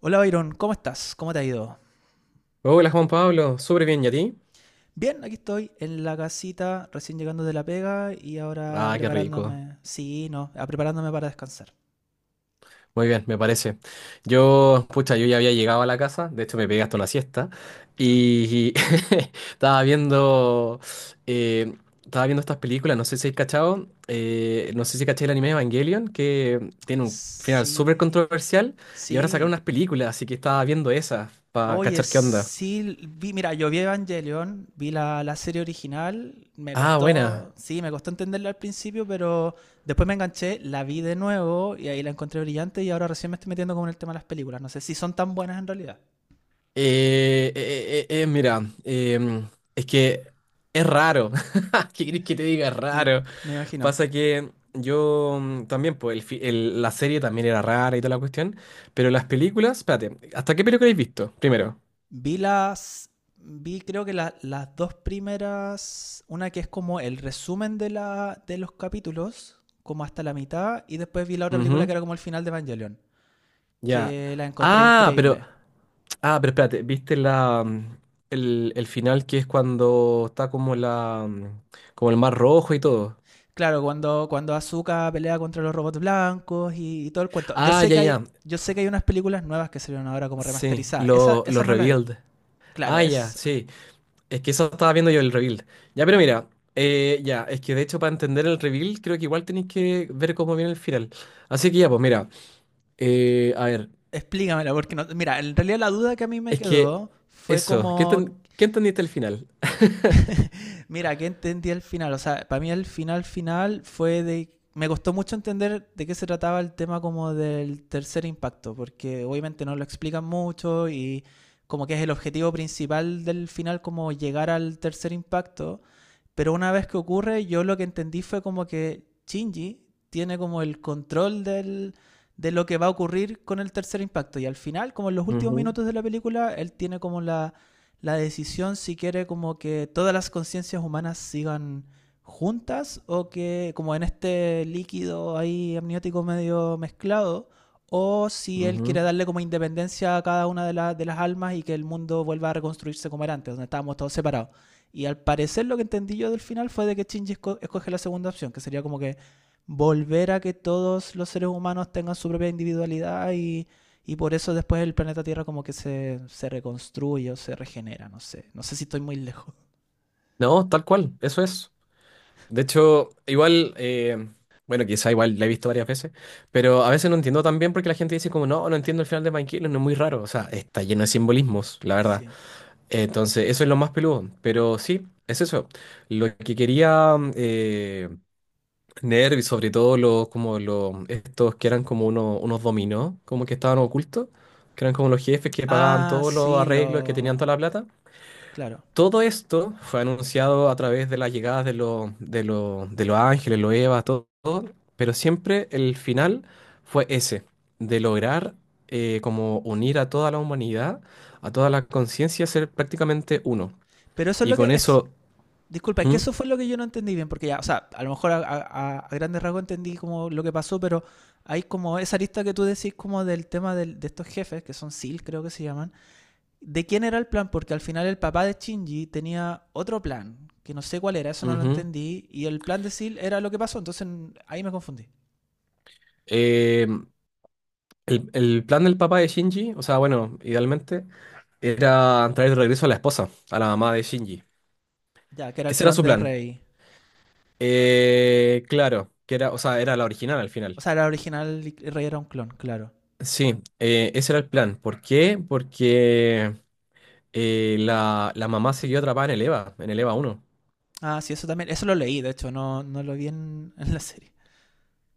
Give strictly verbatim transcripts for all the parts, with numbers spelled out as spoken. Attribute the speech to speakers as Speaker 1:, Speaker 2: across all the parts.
Speaker 1: Hola Byron, ¿cómo estás? ¿Cómo te ha ido?
Speaker 2: Hola Juan Pablo, súper bien, ¿y a ti?
Speaker 1: Bien, aquí estoy en la casita, recién llegando de la pega y ahora
Speaker 2: Ah, qué rico.
Speaker 1: preparándome. Sí, no, ah, preparándome para descansar.
Speaker 2: Muy bien, me parece. Yo, pucha, yo ya había llegado a la casa, de hecho me pegué hasta una siesta
Speaker 1: No.
Speaker 2: y estaba viendo, eh, estaba viendo estas películas, no sé si has cachado, eh, no sé si caché el anime Evangelion, que tiene un final súper
Speaker 1: Sí,
Speaker 2: controversial y ahora sacaron
Speaker 1: sí.
Speaker 2: unas películas, así que estaba viendo esas para
Speaker 1: Oye,
Speaker 2: cachar qué onda.
Speaker 1: sí, vi, mira, yo vi Evangelion, vi la, la serie original, me
Speaker 2: Ah, buena.
Speaker 1: costó, sí, me costó entenderla al principio, pero después me enganché, la vi de nuevo y ahí la encontré brillante y ahora recién me estoy metiendo con el tema de las películas. No sé si son tan buenas en realidad.
Speaker 2: Eh, eh, eh, eh, eh, mira, em, es que es raro. ¿Qué querés que te diga? Es
Speaker 1: Me,
Speaker 2: raro.
Speaker 1: me imagino.
Speaker 2: Pasa que yo mm, también, pues el fi- el- la serie también era rara y toda la cuestión. Pero las películas, espérate, ¿hasta qué película habéis visto? Primero.
Speaker 1: Vi las. Vi creo que la- las dos primeras. Una que es como el resumen de, la, de los capítulos, como hasta la mitad. Y después vi la otra película
Speaker 2: Ujú,
Speaker 1: que era como el final de Evangelion.
Speaker 2: ya.
Speaker 1: Que la encontré
Speaker 2: Ah, pero,
Speaker 1: increíble.
Speaker 2: ah, pero espérate, ¿viste la, mm, el, el final que es cuando está como la, mm, como el mar rojo y todo?
Speaker 1: Claro, cuando, cuando Asuka pelea contra los robots blancos y, y todo el cuento. Yo
Speaker 2: Ah,
Speaker 1: sé
Speaker 2: ya,
Speaker 1: que hay.
Speaker 2: ya.
Speaker 1: Yo sé que hay unas películas nuevas que salieron ahora como
Speaker 2: Sí,
Speaker 1: remasterizadas. Esa,
Speaker 2: lo, lo
Speaker 1: esa no la he visto.
Speaker 2: revealed.
Speaker 1: Claro,
Speaker 2: Ah, ya,
Speaker 1: es.
Speaker 2: sí. Es que eso estaba viendo yo el reveal. Ya, pero mira, eh, ya, es que de hecho para entender el reveal creo que igual tenéis que ver cómo viene el final. Así que ya, pues mira, eh, a ver,
Speaker 1: Explícamela, porque no. Mira, en realidad la duda que a mí me
Speaker 2: es que
Speaker 1: quedó fue
Speaker 2: eso, ¿qué,
Speaker 1: como.
Speaker 2: enten- qué entendiste el final?
Speaker 1: Mira, ¿qué entendí al final? O sea, para mí el final final fue de... Me costó mucho entender de qué se trataba el tema como del tercer impacto, porque obviamente no lo explican mucho y como que es el objetivo principal del final como llegar al tercer impacto, pero una vez que ocurre yo lo que entendí fue como que Shinji tiene como el control del, de lo que va a ocurrir con el tercer impacto. Y al final, como en los últimos
Speaker 2: Ujú,
Speaker 1: minutos de la película, él tiene como la la decisión si quiere como que todas las conciencias humanas sigan juntas o que como en este líquido ahí amniótico medio mezclado o si él quiere
Speaker 2: ujú.
Speaker 1: darle como independencia a cada una de, la- de las almas y que el mundo vuelva a reconstruirse como era antes, donde estábamos todos separados. Y al parecer lo que entendí yo del final fue de que Shinji escoge la segunda opción, que sería como que volver a que todos los seres humanos tengan su propia individualidad y y por eso después el planeta Tierra como que se, se reconstruye o se regenera, no sé. No sé si estoy muy lejos.
Speaker 2: No, tal cual, eso es. De hecho, igual, eh, bueno, quizá igual la he visto varias veces, pero a veces no entiendo tan bien porque la gente dice como, no, no entiendo el final de Mike no es muy raro, o sea, está lleno de simbolismos, la verdad.
Speaker 1: Sí.
Speaker 2: Entonces, eso es lo más peludo. Pero sí, es eso. Lo que quería eh, Nerv y sobre todo los, como los, estos que eran como unos, unos dominó, como que estaban ocultos, que eran como los jefes que pagaban
Speaker 1: Ah,
Speaker 2: todos los
Speaker 1: sí,
Speaker 2: arreglos, que tenían
Speaker 1: lo...
Speaker 2: toda la plata.
Speaker 1: Claro.
Speaker 2: Todo esto fue anunciado a través de las llegadas de los, de los, de los ángeles, los Evas, todo, todo, pero siempre el final fue ese, de lograr eh, como unir a toda la humanidad, a toda la conciencia, ser prácticamente uno.
Speaker 1: Pero eso es
Speaker 2: Y
Speaker 1: lo que
Speaker 2: con
Speaker 1: es...
Speaker 2: eso,
Speaker 1: Disculpa, que
Speaker 2: ujú,
Speaker 1: eso fue lo que yo no entendí bien, porque ya, o sea, a lo mejor a, a- a grandes rasgos entendí como lo que pasó, pero hay como esa lista que tú decís como del tema del- de estos jefes, que son S E A L creo que se llaman, de quién era el plan, porque al final el papá de Shinji tenía otro plan, que no sé cuál era, eso no lo
Speaker 2: ujú.
Speaker 1: entendí, y el plan de S E A L era lo que pasó, entonces ahí me confundí.
Speaker 2: Eh, el, el plan del papá de Shinji, o sea, bueno, idealmente, era traer de regreso a la esposa, a la mamá de Shinji.
Speaker 1: Ya, que era el
Speaker 2: Ese era
Speaker 1: clon
Speaker 2: su
Speaker 1: de
Speaker 2: plan.
Speaker 1: Rey.
Speaker 2: Eh, claro, que era, o sea, era la original al
Speaker 1: O
Speaker 2: final.
Speaker 1: sea, era original y Rey era un clon, claro.
Speaker 2: Sí, eh, ese era el plan. ¿Por qué? Porque eh, la, la mamá siguió atrapada en el EVA, en el EVA uno.
Speaker 1: Ah, sí, eso también. Eso lo leí, de hecho, no, no lo vi en, en la serie.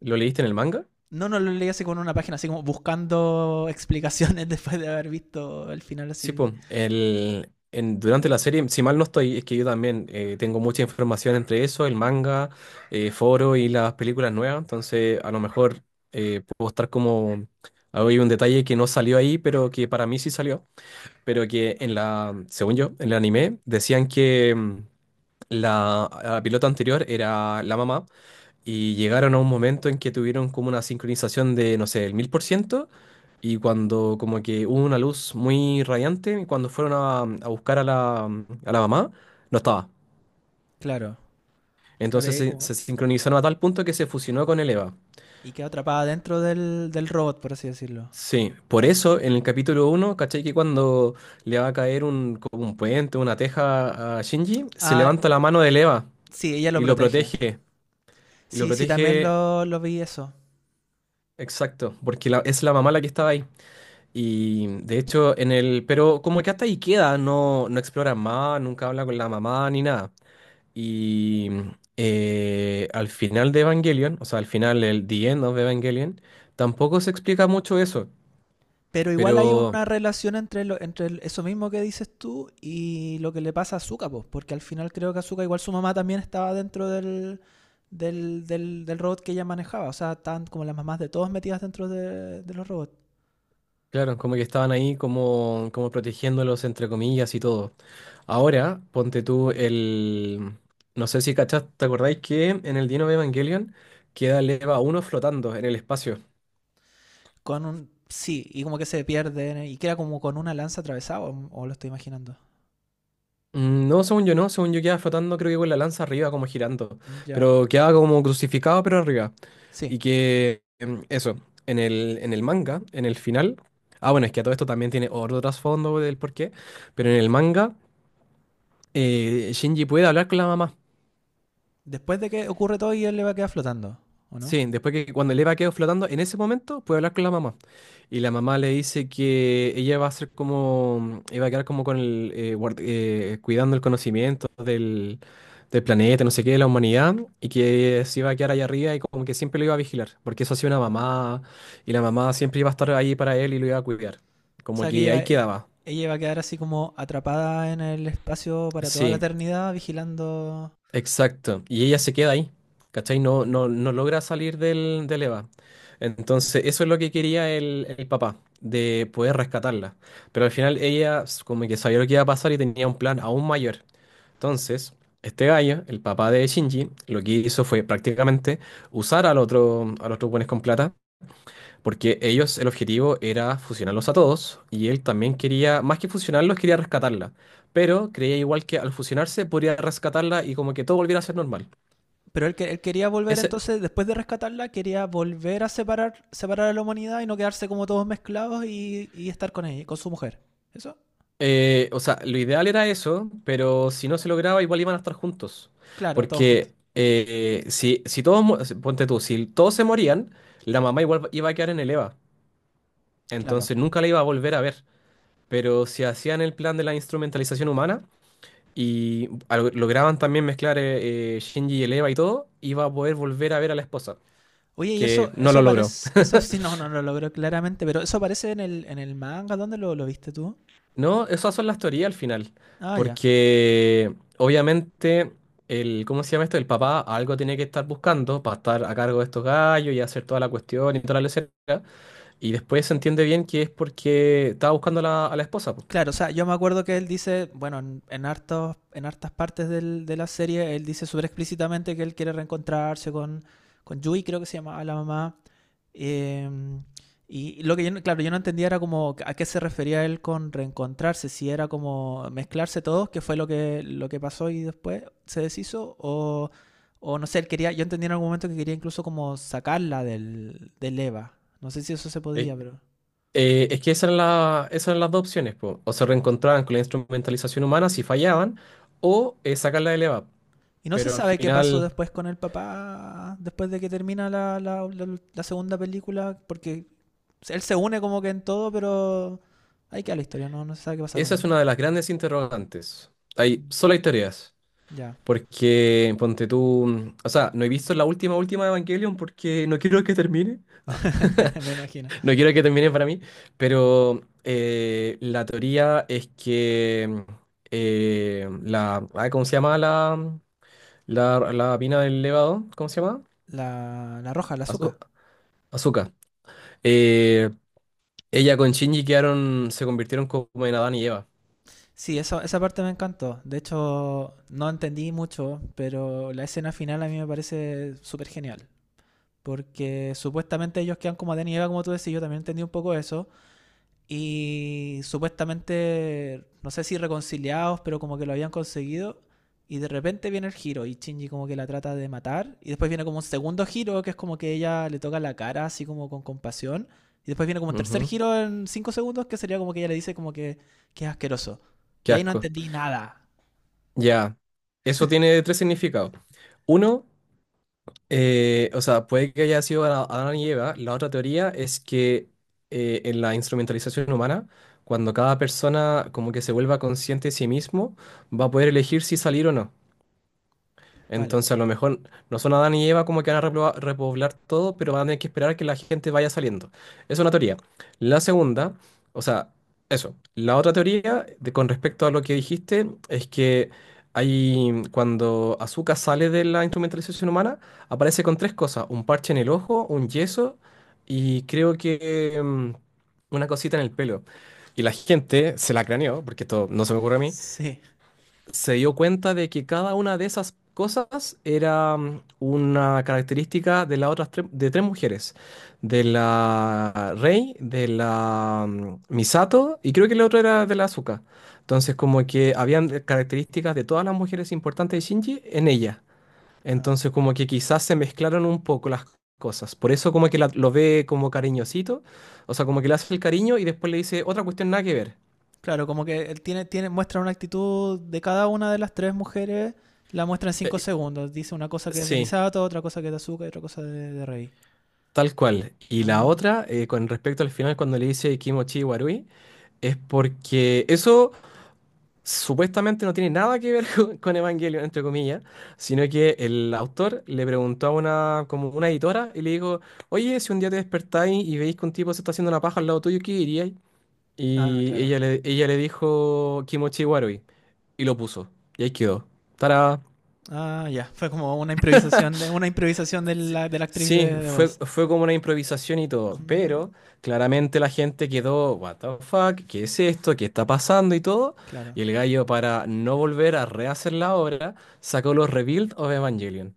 Speaker 2: ¿Lo leíste en el manga?
Speaker 1: No, no lo leí así con una página, así como buscando explicaciones después de haber visto el final
Speaker 2: Sí,
Speaker 1: así.
Speaker 2: pues, el, en- durante la serie, si mal no estoy, es que yo también eh, tengo mucha información entre eso, el manga, eh, foro y las películas nuevas, entonces a lo mejor eh, puedo estar como, hay un detalle que no salió ahí, pero que para mí sí salió, pero que en la, según yo, en el anime decían que mm, la, la pilota anterior era la mamá y llegaron a un momento en que tuvieron como una sincronización de, no sé, el mil por ciento, y cuando como que hubo una luz muy radiante, y cuando fueron a, a buscar a la, a la mamá, no estaba.
Speaker 1: Claro,
Speaker 2: Entonces
Speaker 1: claro, y
Speaker 2: se,
Speaker 1: como...
Speaker 2: se sincronizaron a tal punto que se fusionó con el Eva.
Speaker 1: Y queda atrapada dentro del, del robot, por así decirlo.
Speaker 2: Sí, por eso en el capítulo uno, ¿cachai? Que cuando le va a caer un, como un puente, una teja a Shinji, se
Speaker 1: Ah,
Speaker 2: levanta la mano de Eva
Speaker 1: sí, ella lo
Speaker 2: y lo
Speaker 1: protege.
Speaker 2: protege. Y lo
Speaker 1: Sí, sí, también
Speaker 2: protege,
Speaker 1: lo, lo vi eso.
Speaker 2: exacto, porque la- es la mamá la que estaba ahí. Y de hecho, en el. Pero como que hasta ahí queda, no, no explora más, nunca habla con la mamá ni nada. Y eh, al final de Evangelion, o sea, al final, el The End of Evangelion, tampoco se explica mucho eso.
Speaker 1: Pero igual hay
Speaker 2: Pero
Speaker 1: una relación entre, lo- entre el- eso mismo que dices tú y lo que le pasa a Zuka, pues, porque al final creo que Zuka, igual su mamá también estaba dentro del, del, del, del robot que ella manejaba. O sea, estaban como las mamás de todos metidas dentro de, de los robots.
Speaker 2: claro, como que estaban ahí como, como protegiéndolos, entre comillas y todo. Ahora, ponte tú el. No sé si cachás, ¿te acordáis que en el The End of Evangelion queda el EVA uno flotando en el espacio?
Speaker 1: Con un, sí, y como que se pierden eh, y queda como con una lanza atravesada, o, o lo estoy imaginando.
Speaker 2: Mm, no, según yo no, según yo quedaba flotando, creo que con la lanza arriba, como girando.
Speaker 1: Ya.
Speaker 2: Pero quedaba como crucificado, pero arriba.
Speaker 1: Sí.
Speaker 2: Y que em, eso, en el, en el manga, en el final. Ah, bueno, es que a todo esto también tiene otro trasfondo del porqué. Pero en el manga, eh, Shinji puede hablar con la mamá.
Speaker 1: Después de que ocurre todo y él le va a quedar flotando, ¿o no?
Speaker 2: Sí, después que cuando el Eva quedó flotando, en ese momento puede hablar con la mamá. Y la mamá le dice que ella va a ser como, iba a quedar como con el, eh, guard- eh, cuidando el conocimiento del, del planeta, no sé qué, de la humanidad, y que se iba a quedar allá arriba y como que siempre lo iba a vigilar, porque eso hacía una mamá, y la mamá siempre iba a estar ahí para él y lo iba a cuidar.
Speaker 1: O
Speaker 2: Como
Speaker 1: sea, que
Speaker 2: que
Speaker 1: ella,
Speaker 2: ahí
Speaker 1: e-
Speaker 2: quedaba.
Speaker 1: ella va a quedar así como atrapada en el espacio para toda la
Speaker 2: Sí,
Speaker 1: eternidad, vigilando.
Speaker 2: Exacto. Y ella se queda ahí, ¿cachai? No, no, no logra salir del, del EVA. Entonces, eso es lo que quería el, el papá, de poder rescatarla. Pero al final ella s- como que sabía lo que iba a pasar y tenía un plan aún mayor. Entonces, este gallo, el papá de Shinji, lo que hizo fue prácticamente usar al otro, a los otros buenos con plata, porque ellos, el objetivo era fusionarlos a todos, y él también quería, más que fusionarlos, quería rescatarla, pero creía igual que al fusionarse podría rescatarla y como que todo volviera a ser normal.
Speaker 1: Pero él, que- él quería volver
Speaker 2: Ese,
Speaker 1: entonces, después de rescatarla, quería volver a separar, separar a la humanidad y no quedarse como todos mezclados y, y estar con ella, con su mujer. ¿Eso?
Speaker 2: eh, o sea, lo ideal era eso, pero si no se lograba, igual iban a estar juntos.
Speaker 1: Claro, todos juntos.
Speaker 2: Porque eh, si, si todos, mu- si, ponte tú, si todos se morían, la mamá igual iba a quedar en el EVA.
Speaker 1: Claro.
Speaker 2: Entonces nunca la iba a volver a ver. Pero si hacían el plan de la instrumentalización humana y al- lograban también mezclar eh, eh, Shinji y el EVA y todo, iba a poder volver a ver a la esposa,
Speaker 1: Oye, y
Speaker 2: que
Speaker 1: eso,
Speaker 2: no
Speaker 1: eso
Speaker 2: lo logró.
Speaker 1: aparece, eso sí, no, no lo logró claramente, pero eso aparece en el, en el manga, ¿dónde lo, lo viste tú?
Speaker 2: No, esas son las teorías al final,
Speaker 1: Ah, ya.
Speaker 2: porque obviamente el, ¿cómo se llama esto? El papá algo tiene que estar buscando para estar a cargo de estos gallos y hacer toda la cuestión y toda la lecera, y después se entiende bien que es porque estaba buscando a la, a la esposa, po.
Speaker 1: Claro, o sea, yo me acuerdo que él dice, bueno, en, en hartos, en hartas partes del- de la serie, él dice súper explícitamente que él quiere reencontrarse con, con Yui, creo que se llamaba la mamá. eh, y lo que yo, no- claro, yo no entendía era como a qué se refería él con reencontrarse, si era como mezclarse todos, que fue lo que, lo que pasó y después se deshizo, o, o no sé, él quería, yo entendí en algún momento que quería incluso como sacarla del, del Eva. No sé si eso se
Speaker 2: Eh,
Speaker 1: podía, pero...
Speaker 2: eh, es que esas eran, la- esas eran las dos opciones, po. O se reencontraban con la instrumentalización humana si fallaban, o eh, sacarla del EVAP.
Speaker 1: Y no se
Speaker 2: Pero al
Speaker 1: sabe qué pasó
Speaker 2: final,
Speaker 1: después con el papá, después de que termina la, la- la- la segunda película, porque él se une como que en todo, pero ahí queda la historia, no, no se sabe qué pasa con
Speaker 2: esa es
Speaker 1: él.
Speaker 2: una de las grandes interrogantes. Hay, solo hay teorías.
Speaker 1: Ya,
Speaker 2: Porque, ponte tú, o sea, no he visto la última, última Evangelion porque no quiero que termine. Ah,
Speaker 1: me imagino.
Speaker 2: no quiero que termine para mí, pero eh, la teoría es que eh, la, ah, ¿cómo se llama la, la, la mina del levado? ¿Cómo se llama?
Speaker 1: La, la roja, la azúcar.
Speaker 2: Azu- Azuka. Eh, ella con Shinji quedaron, se convirtieron como en Adán y Eva.
Speaker 1: Sí, eso, esa parte me encantó. De hecho, no entendí mucho, pero la escena final a mí me parece súper genial. Porque supuestamente ellos quedan como Adán y Eva, como tú decís, yo también entendí un poco eso y supuestamente, no sé si reconciliados, pero como que lo habían conseguido. Y de repente viene el giro y Shinji como que la trata de matar. Y después viene como un segundo giro que es como que ella le toca la cara así como con compasión. Y después viene como un tercer
Speaker 2: Ujú.
Speaker 1: giro en cinco segundos que sería como que ella le dice como que, que es asqueroso. Y
Speaker 2: Qué
Speaker 1: ahí no
Speaker 2: asco.
Speaker 1: entendí nada.
Speaker 2: Ya. Eso tiene tres significados. Uno. Eh, o sea, puede que haya sido Ada- Adán y Eva. La otra teoría es que eh, en la instrumentalización humana, cuando cada persona como que se vuelva consciente de sí mismo, va a poder elegir si salir o no.
Speaker 1: Vale.
Speaker 2: Entonces, a lo mejor no son Adán y Eva como que van a repobla- repoblar todo, pero van a tener que esperar a que la gente vaya saliendo. Es una teoría. La segunda, o sea, eso. La otra teoría, de- con respecto a lo que dijiste, es que hay, cuando Azúcar sale de la instrumentalización humana, aparece con tres cosas: un parche en el ojo, un yeso y creo que mm, una cosita en el pelo. Y la gente se la craneó, porque esto no se me ocurre a mí,
Speaker 1: Sí.
Speaker 2: se dio cuenta de que cada una de esas cosas era mm, una característica de las otras tres, de tres mujeres, de la Rei, de la mm, Misato y creo que la otra era de la Asuka. Entonces como que habían de- características de todas las mujeres importantes de Shinji en ella. Entonces como que quizás se mezclaron un poco las cosas. Por eso como que la- lo ve como cariñosito, o sea, como que le hace el cariño y después le dice otra cuestión nada que ver.
Speaker 1: Claro, como que él tiene, tiene, muestra una actitud de cada una de las tres mujeres, la muestra en cinco
Speaker 2: Eh,
Speaker 1: segundos. Dice una cosa que es de
Speaker 2: sí.
Speaker 1: Misato, otra cosa que es de Azuka y otra cosa de, de Rei.
Speaker 2: Tal cual. Y la
Speaker 1: Ah,
Speaker 2: otra, eh, con respecto al final, cuando le dice Kimochi Warui, es porque eso supuestamente no tiene nada que ver con, con, Evangelion, entre comillas, sino que el autor le preguntó a una, como una editora y le dijo, oye, si un día te despertáis y veis que un tipo se está haciendo una paja al lado tuyo, ¿qué diríais?
Speaker 1: ah,
Speaker 2: Y
Speaker 1: claro.
Speaker 2: ella le, ella le dijo Kimochi Warui y lo puso. Y ahí quedó. Tará.
Speaker 1: Ah, ya. Fue como una improvisación de una improvisación de
Speaker 2: Sí,
Speaker 1: la, de la actriz de,
Speaker 2: sí,
Speaker 1: de
Speaker 2: fue,
Speaker 1: voz.
Speaker 2: fue como una improvisación y todo,
Speaker 1: Mm,
Speaker 2: pero claramente la gente quedó, what the fuck, ¿qué es esto? ¿Qué está pasando? Y todo. Y
Speaker 1: claro,
Speaker 2: el gallo, para no volver a rehacer la obra, sacó los Rebuild of Evangelion.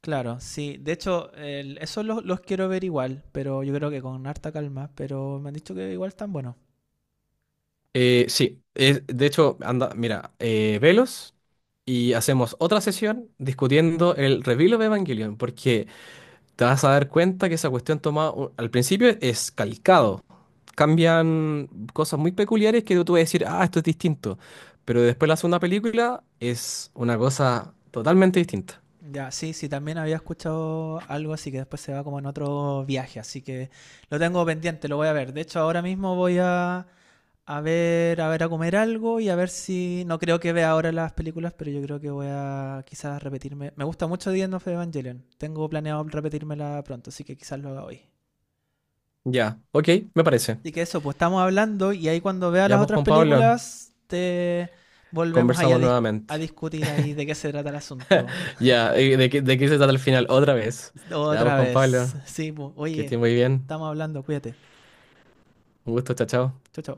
Speaker 1: claro, sí. De hecho, el- esos los, los quiero ver igual, pero yo creo que con harta calma. Pero me han dicho que igual están buenos.
Speaker 2: Eh, sí, es- de hecho, anda, mira, eh, velos y hacemos otra sesión discutiendo el Rebuild of Evangelion, porque te vas a dar cuenta que esa cuestión toma, u- al principio es calcado. Cambian cosas muy peculiares que tú vas a decir, ah, esto es distinto. Pero después la segunda película es una cosa totalmente distinta.
Speaker 1: Ya, sí, sí, también había escuchado algo así que después se va como en otro viaje, así que lo tengo pendiente, lo voy a ver. De hecho, ahora mismo voy a a ver, a ver, a comer algo y a ver si. No creo que vea ahora las películas, pero yo creo que voy a quizás repetirme. Me gusta mucho The End of Evangelion. Tengo planeado repetírmela pronto, así que quizás lo haga hoy.
Speaker 2: Ya, ok, me parece.
Speaker 1: Así que eso, pues estamos hablando y ahí cuando vea
Speaker 2: Ya,
Speaker 1: las
Speaker 2: pues
Speaker 1: otras
Speaker 2: Juan Pablo,
Speaker 1: películas, te volvemos ahí a,
Speaker 2: conversamos
Speaker 1: discu-
Speaker 2: nuevamente.
Speaker 1: a discutir ahí de qué se trata el asunto.
Speaker 2: Ya, eh, ¿de qué, de qué se trata el final? Otra vez. Ya, pues
Speaker 1: Otra
Speaker 2: Juan
Speaker 1: vez.
Speaker 2: Pablo,
Speaker 1: Sí, pues,
Speaker 2: que estés
Speaker 1: oye,
Speaker 2: muy bien.
Speaker 1: estamos hablando, cuídate.
Speaker 2: Un gusto, chao, chao.
Speaker 1: Chau, chao.